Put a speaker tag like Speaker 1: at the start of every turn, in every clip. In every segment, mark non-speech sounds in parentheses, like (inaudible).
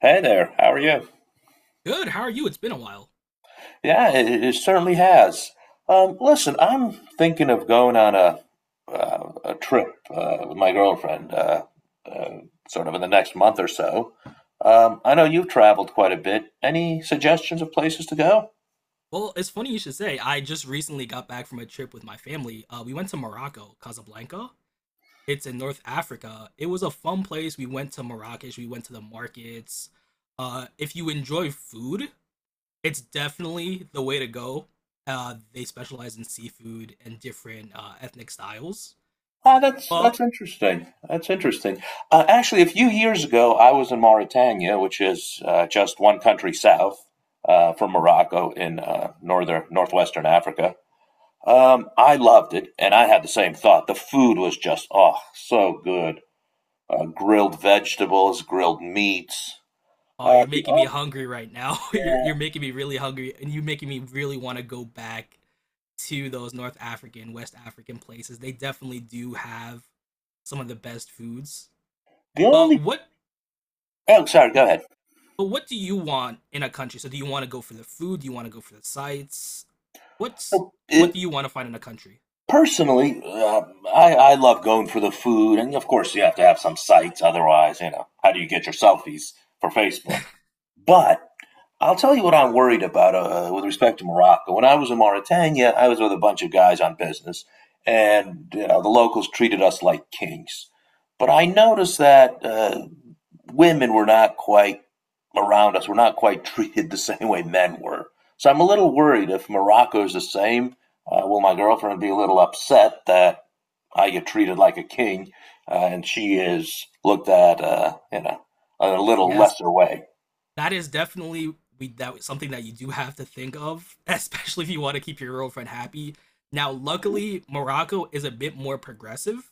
Speaker 1: Hey there, how are you?
Speaker 2: Good. How are you? It's been a while.
Speaker 1: Yeah, it certainly has. Listen, I'm thinking of going on a trip with my girlfriend, uh, sort of in the next month or so. I know you've traveled quite a bit. Any suggestions of places to go?
Speaker 2: Well, it's funny you should say. I just recently got back from a trip with my family. We went to Morocco, Casablanca. It's in North Africa. It was a fun place. We went to Marrakesh. We went to the markets. If you enjoy food, it's definitely the way to go. They specialize in seafood and different ethnic styles.
Speaker 1: Ah, that's
Speaker 2: But
Speaker 1: that's interesting. That's interesting. Actually, a few years ago, I was in Mauritania, which is just one country south from Morocco in northern northwestern Africa. I loved it, and I had the same thought. The food was just oh so good. Grilled vegetables, grilled meats.
Speaker 2: oh, you're
Speaker 1: The
Speaker 2: making me
Speaker 1: oh
Speaker 2: hungry right now. (laughs) you're
Speaker 1: Yeah.
Speaker 2: you're making me really hungry, and you're making me really want to go back to those North African, West African places, they definitely do have some of the best foods.
Speaker 1: The
Speaker 2: But
Speaker 1: only
Speaker 2: what
Speaker 1: Oh, sorry, go ahead.
Speaker 2: but what do you want in a country? So do you want to go for the food? Do you want to go for the sights? What's
Speaker 1: So, uh,
Speaker 2: what do you want to find in a country?
Speaker 1: Personally, I love going for the food, and of course, you have to have some sites. Otherwise, you know, how do you get your selfies for Facebook? But I'll tell you what I'm worried about with respect to Morocco. When I was in Mauritania, I was with a bunch of guys on business, and you know, the locals treated us like kings. But I noticed that women were not quite around us, were not quite (laughs) treated the same way men were. So I'm a little worried if Morocco is the same, will my girlfriend be a little upset that I get treated like a king and she is looked at, you know, in a little
Speaker 2: Yes,
Speaker 1: lesser way?
Speaker 2: that is definitely we that something that you do have to think of, (laughs) especially if you want to keep your girlfriend happy. Now, luckily, Morocco is a bit more progressive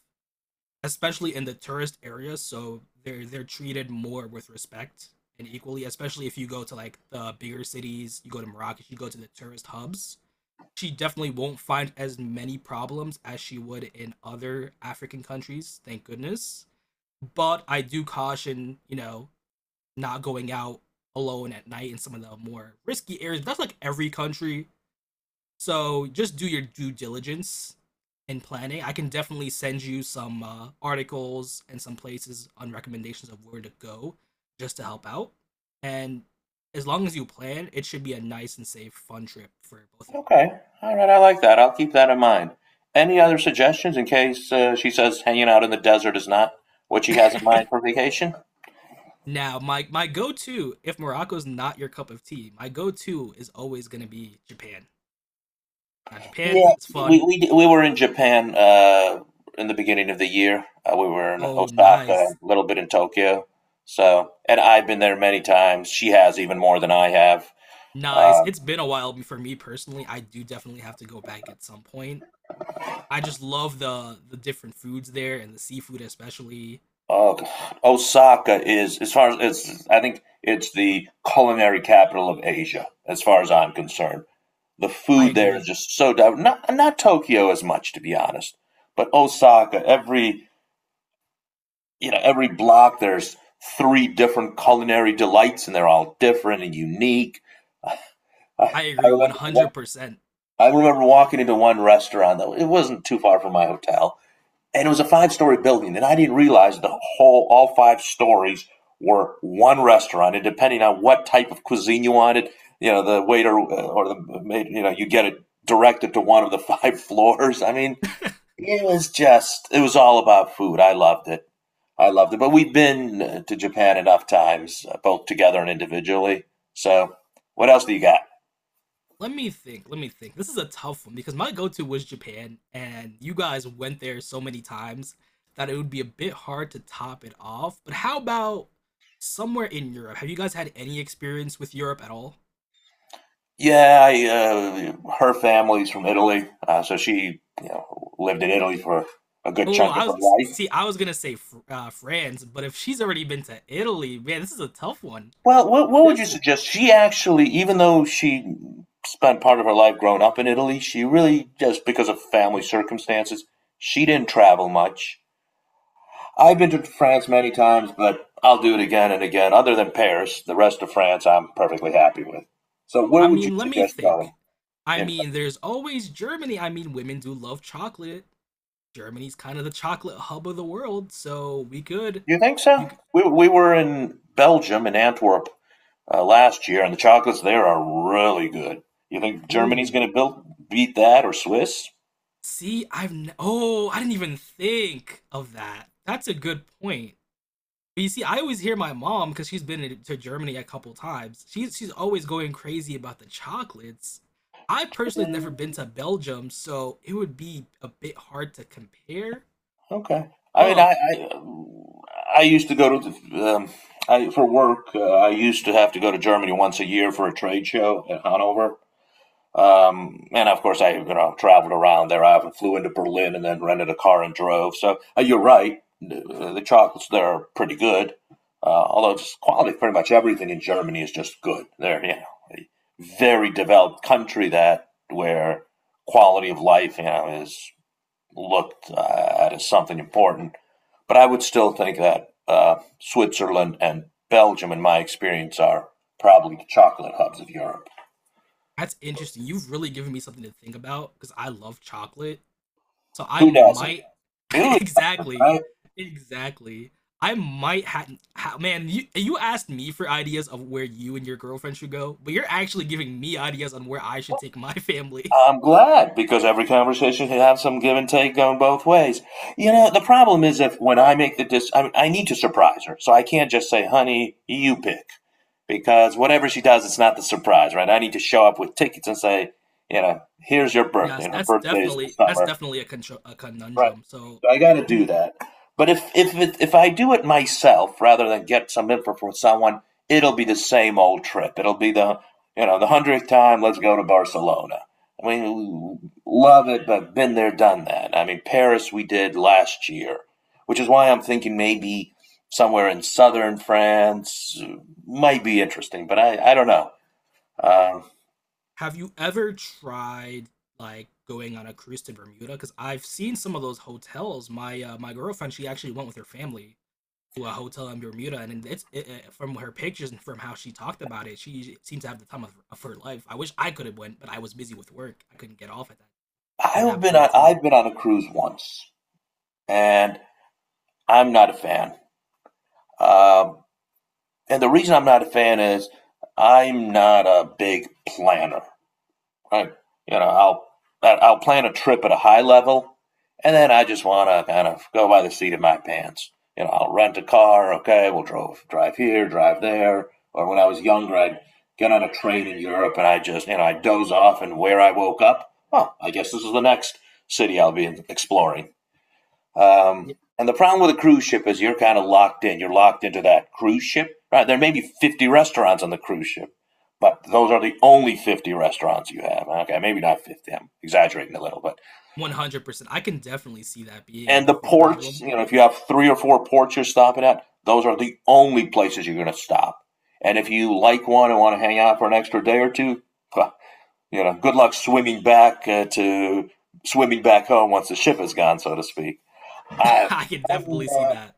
Speaker 2: especially in the tourist areas, so they're treated more with respect and equally, especially if you go to like the bigger cities, you go to Morocco, you go to the tourist hubs. She definitely won't find as many problems as she would in other African countries, thank goodness. But I do caution, you know, not going out alone at night in some of the more risky areas. That's like every country, so just do your due diligence in planning. I can definitely send you some articles and some places on recommendations of where to go just to help out. And as long as you plan, it should be a nice and safe, fun trip for both of you.
Speaker 1: Okay. All right. I like that. I'll keep that in mind. Any other suggestions in case she says hanging out in the desert is not what she has in mind for vacation?
Speaker 2: (laughs) Now, my go-to, if Morocco's not your cup of tea, my go-to is always gonna be Japan. Now, Japan,
Speaker 1: Yeah.
Speaker 2: it's
Speaker 1: We
Speaker 2: fun.
Speaker 1: we we were in Japan in the beginning of the year. We were in
Speaker 2: Oh,
Speaker 1: Osaka,
Speaker 2: nice,
Speaker 1: a little bit in Tokyo. So, and I've been there many times. She has even more than I have.
Speaker 2: nice.
Speaker 1: Um,
Speaker 2: It's been a while for me personally. I do definitely have to go back at some point. I just love the different foods there and the seafood especially.
Speaker 1: oh, God. Osaka is as far as it's. I think it's the culinary capital of Asia, as far as I'm concerned. The
Speaker 2: I
Speaker 1: food there is
Speaker 2: agree.
Speaker 1: just so diverse. Not Tokyo as much, to be honest, but Osaka. Every you know every block there's three different culinary delights, and they're all different and unique. I,
Speaker 2: I
Speaker 1: I
Speaker 2: agree
Speaker 1: remember
Speaker 2: 100%.
Speaker 1: I remember walking into one restaurant that it wasn't too far from my hotel, and it was a five-story building, and I didn't realize the whole all five stories were one restaurant, and depending on what type of cuisine you wanted, you know, the waiter or the maid, you know, you get it directed to one of the (laughs) five floors. I mean, it was just, it was all about food. I loved it. But we've been to Japan enough times, both together and individually, so what else do you got?
Speaker 2: Let me think. Let me think. This is a tough one because my go-to was Japan and you guys went there so many times that it would be a bit hard to top it off. But how about somewhere in Europe? Have you guys had any experience with Europe at all?
Speaker 1: Yeah, her family's from Italy, so she, you know, lived in Italy for a good
Speaker 2: Oh,
Speaker 1: chunk of
Speaker 2: I
Speaker 1: her
Speaker 2: was
Speaker 1: life.
Speaker 2: see. I was gonna say France, but if she's already been to Italy, man, this is a tough one.
Speaker 1: Well, what would you
Speaker 2: This is
Speaker 1: suggest? She actually, even though she spent part of her life growing up in Italy, she really, just because of family circumstances, she didn't travel much. I've been to France many times, but I'll do it again and again. Other than Paris, the rest of France, I'm perfectly happy with. So, where
Speaker 2: I
Speaker 1: would you
Speaker 2: mean, let me
Speaker 1: suggest going?
Speaker 2: think. I
Speaker 1: In France?
Speaker 2: mean, there's always Germany. I mean, women do love chocolate. Germany's kind of the chocolate hub of the world, so we could.
Speaker 1: You think so?
Speaker 2: You could,
Speaker 1: We were in Belgium in Antwerp last year, and the chocolates there are really good. You think Germany's
Speaker 2: ooh.
Speaker 1: going to build beat that or Swiss?
Speaker 2: See, oh, I didn't even think of that. That's a good point. But you see, I always hear my mom because to Germany a couple times. She's always going crazy about the chocolates. I personally never been to Belgium, so it would be a bit hard to compare.
Speaker 1: Okay. I mean, I
Speaker 2: But
Speaker 1: I used to go to the, for work. I used to have to go to Germany once a year for a trade show at Hanover. And of course, I, you know, traveled around there. I often flew into Berlin and then rented a car and drove. So you're right, the chocolates there are pretty good. Although just quality, pretty much everything in Germany is just good. They're, you know, a very developed country, that where quality of life, you know, is looked at as something important. But I would still think that Switzerland and Belgium, in my experience, are probably the chocolate hubs of Europe.
Speaker 2: that's interesting. You've really given me something to think about because I love chocolate. So I
Speaker 1: Who doesn't?
Speaker 2: might (laughs)
Speaker 1: Who?
Speaker 2: exactly,
Speaker 1: I,
Speaker 2: exactly. I might have ha- Man. You asked me for ideas of where you and your girlfriend should go, but you're actually giving me ideas on where I should take my family. (laughs)
Speaker 1: I'm glad because every conversation can have some give and take going both ways. You know, the problem is, if when I make the I need to surprise her, so I can't just say, "Honey, you pick," because whatever she does, it's not the surprise, right? I need to show up with tickets and say, you know, here's your birthday,
Speaker 2: Yes,
Speaker 1: and her birthday is in the
Speaker 2: that's
Speaker 1: summer.
Speaker 2: definitely a contr a
Speaker 1: Right.
Speaker 2: conundrum. So
Speaker 1: I got to do
Speaker 2: you
Speaker 1: that. But if if I do it myself rather than get some info from someone, it'll be the same old trip. It'll be the, you know, the 100th time. Let's go to Barcelona. I mean, love it, but been there, done that. I mean, Paris we did last year, which is why I'm thinking maybe somewhere in southern France might be interesting. But I don't know. Um,
Speaker 2: have you ever tried like going on a cruise to Bermuda? Because I've seen some of those hotels. My my girlfriend, she actually went with her family to a hotel in Bermuda, and from her pictures and from how she talked about it, she seems to have the time of her life. I wish I could have went, but I was busy with work. I couldn't get off at that point in
Speaker 1: I've
Speaker 2: time.
Speaker 1: been on a cruise once, and I'm not a fan. Um, And the reason I'm not a fan is I'm not a big planner. I, you know, I will plan a trip at a high level, and then I just want to kind of go by the seat of my pants. You know, I'll rent a car. Okay, we'll drive here, drive there. Or when I was younger, I'd get on a train in Europe, and I just, you know, I doze off, and where I woke up, oh, I guess this is the next city I'll be exploring. And the problem with a cruise ship is you're kind of locked in. You're locked into that cruise ship. Right? There may be 50 restaurants on the cruise ship, but those are the only 50 restaurants you have. Okay, maybe not 50. I'm exaggerating a little, but
Speaker 2: 100%, I can definitely see that being a
Speaker 1: and the
Speaker 2: bit of a
Speaker 1: ports.
Speaker 2: problem.
Speaker 1: You know, if you have three or four ports you're stopping at, those are the only places you're going to stop. And if you like one and want to hang out for an extra day or two, well, you know, good luck swimming back to swimming back home once the ship is gone, so to speak. I,
Speaker 2: (laughs) I can
Speaker 1: I'm,
Speaker 2: definitely see
Speaker 1: uh,
Speaker 2: that.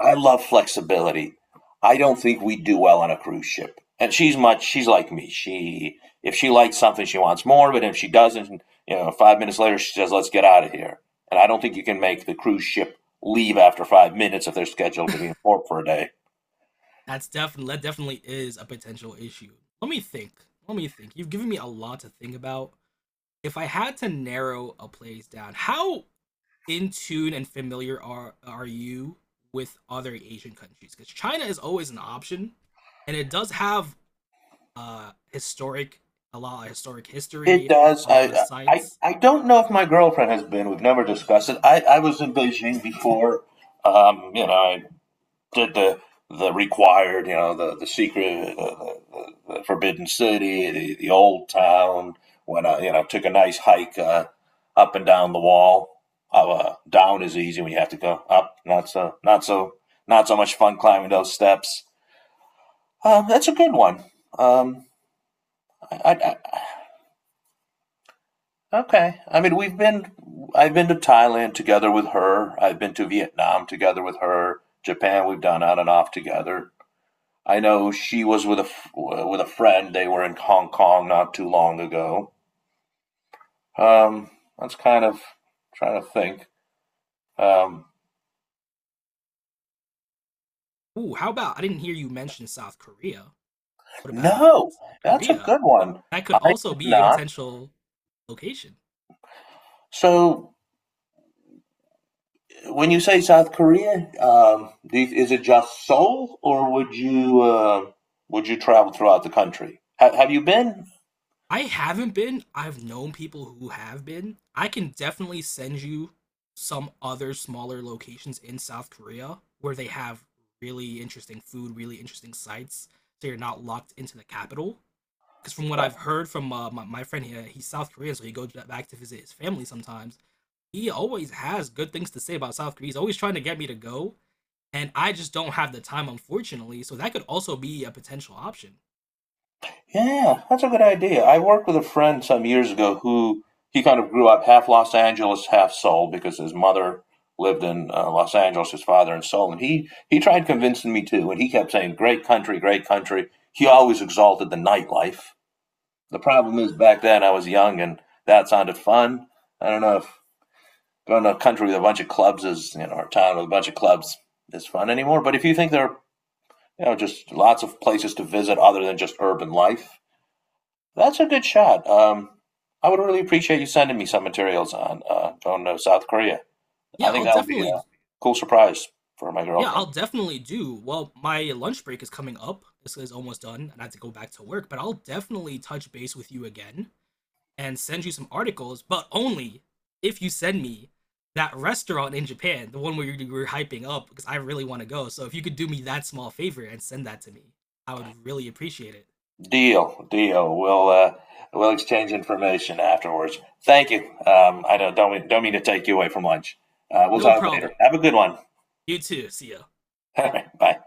Speaker 1: I love flexibility. I don't think we'd do well on a cruise ship. And she's like me. She, if she likes something, she wants more, but if she doesn't, you know, 5 minutes later she says, "Let's get out of here." And I don't think you can make the cruise ship leave after 5 minutes if they're scheduled to be in port for a day.
Speaker 2: (laughs) That definitely is a potential issue. Let me think. Let me think. You've given me a lot to think about. If I had to narrow a place down, how in tune and familiar are you with other Asian countries? Because China is always an option, and it does have historic a lot of historic
Speaker 1: It
Speaker 2: history,
Speaker 1: does.
Speaker 2: a lot of
Speaker 1: I I
Speaker 2: sites.
Speaker 1: I don't know if my girlfriend has been. We've never discussed it. I was in Beijing before. You know, I did the required, you know, the Forbidden City, the old town. When I, you know, took a nice hike up and down the wall. Down is easy when you have to go up. Not so much fun climbing those steps. That's a good one. Um, I, okay. I mean, we've been. I've been to Thailand together with her. I've been to Vietnam together with her. Japan, we've done on and off together. I know she was with a friend. They were in Hong Kong not too long ago. Um, that's kind of trying to think. Um,
Speaker 2: Ooh, how about, I didn't hear you mention South Korea. What about
Speaker 1: no,
Speaker 2: South
Speaker 1: that's a
Speaker 2: Korea?
Speaker 1: good one.
Speaker 2: That could
Speaker 1: I
Speaker 2: also
Speaker 1: did
Speaker 2: be a
Speaker 1: not.
Speaker 2: potential location.
Speaker 1: So when you say South Korea, is it just Seoul, or would you travel throughout the country? Have you been?
Speaker 2: I haven't been. I've known people who have been. I can definitely send you some other smaller locations in South Korea where they have really interesting food, really interesting sites, so you're not locked into the capital. Because from what I've heard from my friend here, he's South Korean, so he goes back to visit his family sometimes. He always has good things to say about South Korea. He's always trying to get me to go, and I just don't have the time, unfortunately. So that could also be a potential option.
Speaker 1: Yeah, that's a good idea. I worked with a friend some years ago who he kind of grew up half Los Angeles, half Seoul because his mother lived in Los Angeles, his father in Seoul, and he tried convincing me too, and he kept saying, "Great country, great country." He always exalted the nightlife. The problem is back then I was young and that sounded fun. I don't know if going to a country with a bunch of clubs is, you know, or a town with a bunch of clubs is fun anymore. But if you think there are, you know, just lots of places to visit other than just urban life, that's a good shot. I would really appreciate you sending me some materials on going to South Korea. I
Speaker 2: Yeah,
Speaker 1: think
Speaker 2: I'll
Speaker 1: that'll be
Speaker 2: definitely
Speaker 1: a cool surprise for my
Speaker 2: Yeah,
Speaker 1: girlfriend.
Speaker 2: I'll definitely do. Well, my lunch break is coming up. This is almost done, and I have to go back to work, but I'll definitely touch base with you again and send you some articles, but only if you send me that restaurant in Japan, the one where you were hyping up, because I really want to go. So if you could do me that small favor and send that to me, I would really appreciate it.
Speaker 1: Deal, deal. We'll exchange information afterwards. Thank you. I don't mean to take you away from lunch. We'll
Speaker 2: No
Speaker 1: talk later.
Speaker 2: problem.
Speaker 1: Have a good one.
Speaker 2: You too. See ya.
Speaker 1: (laughs) Bye.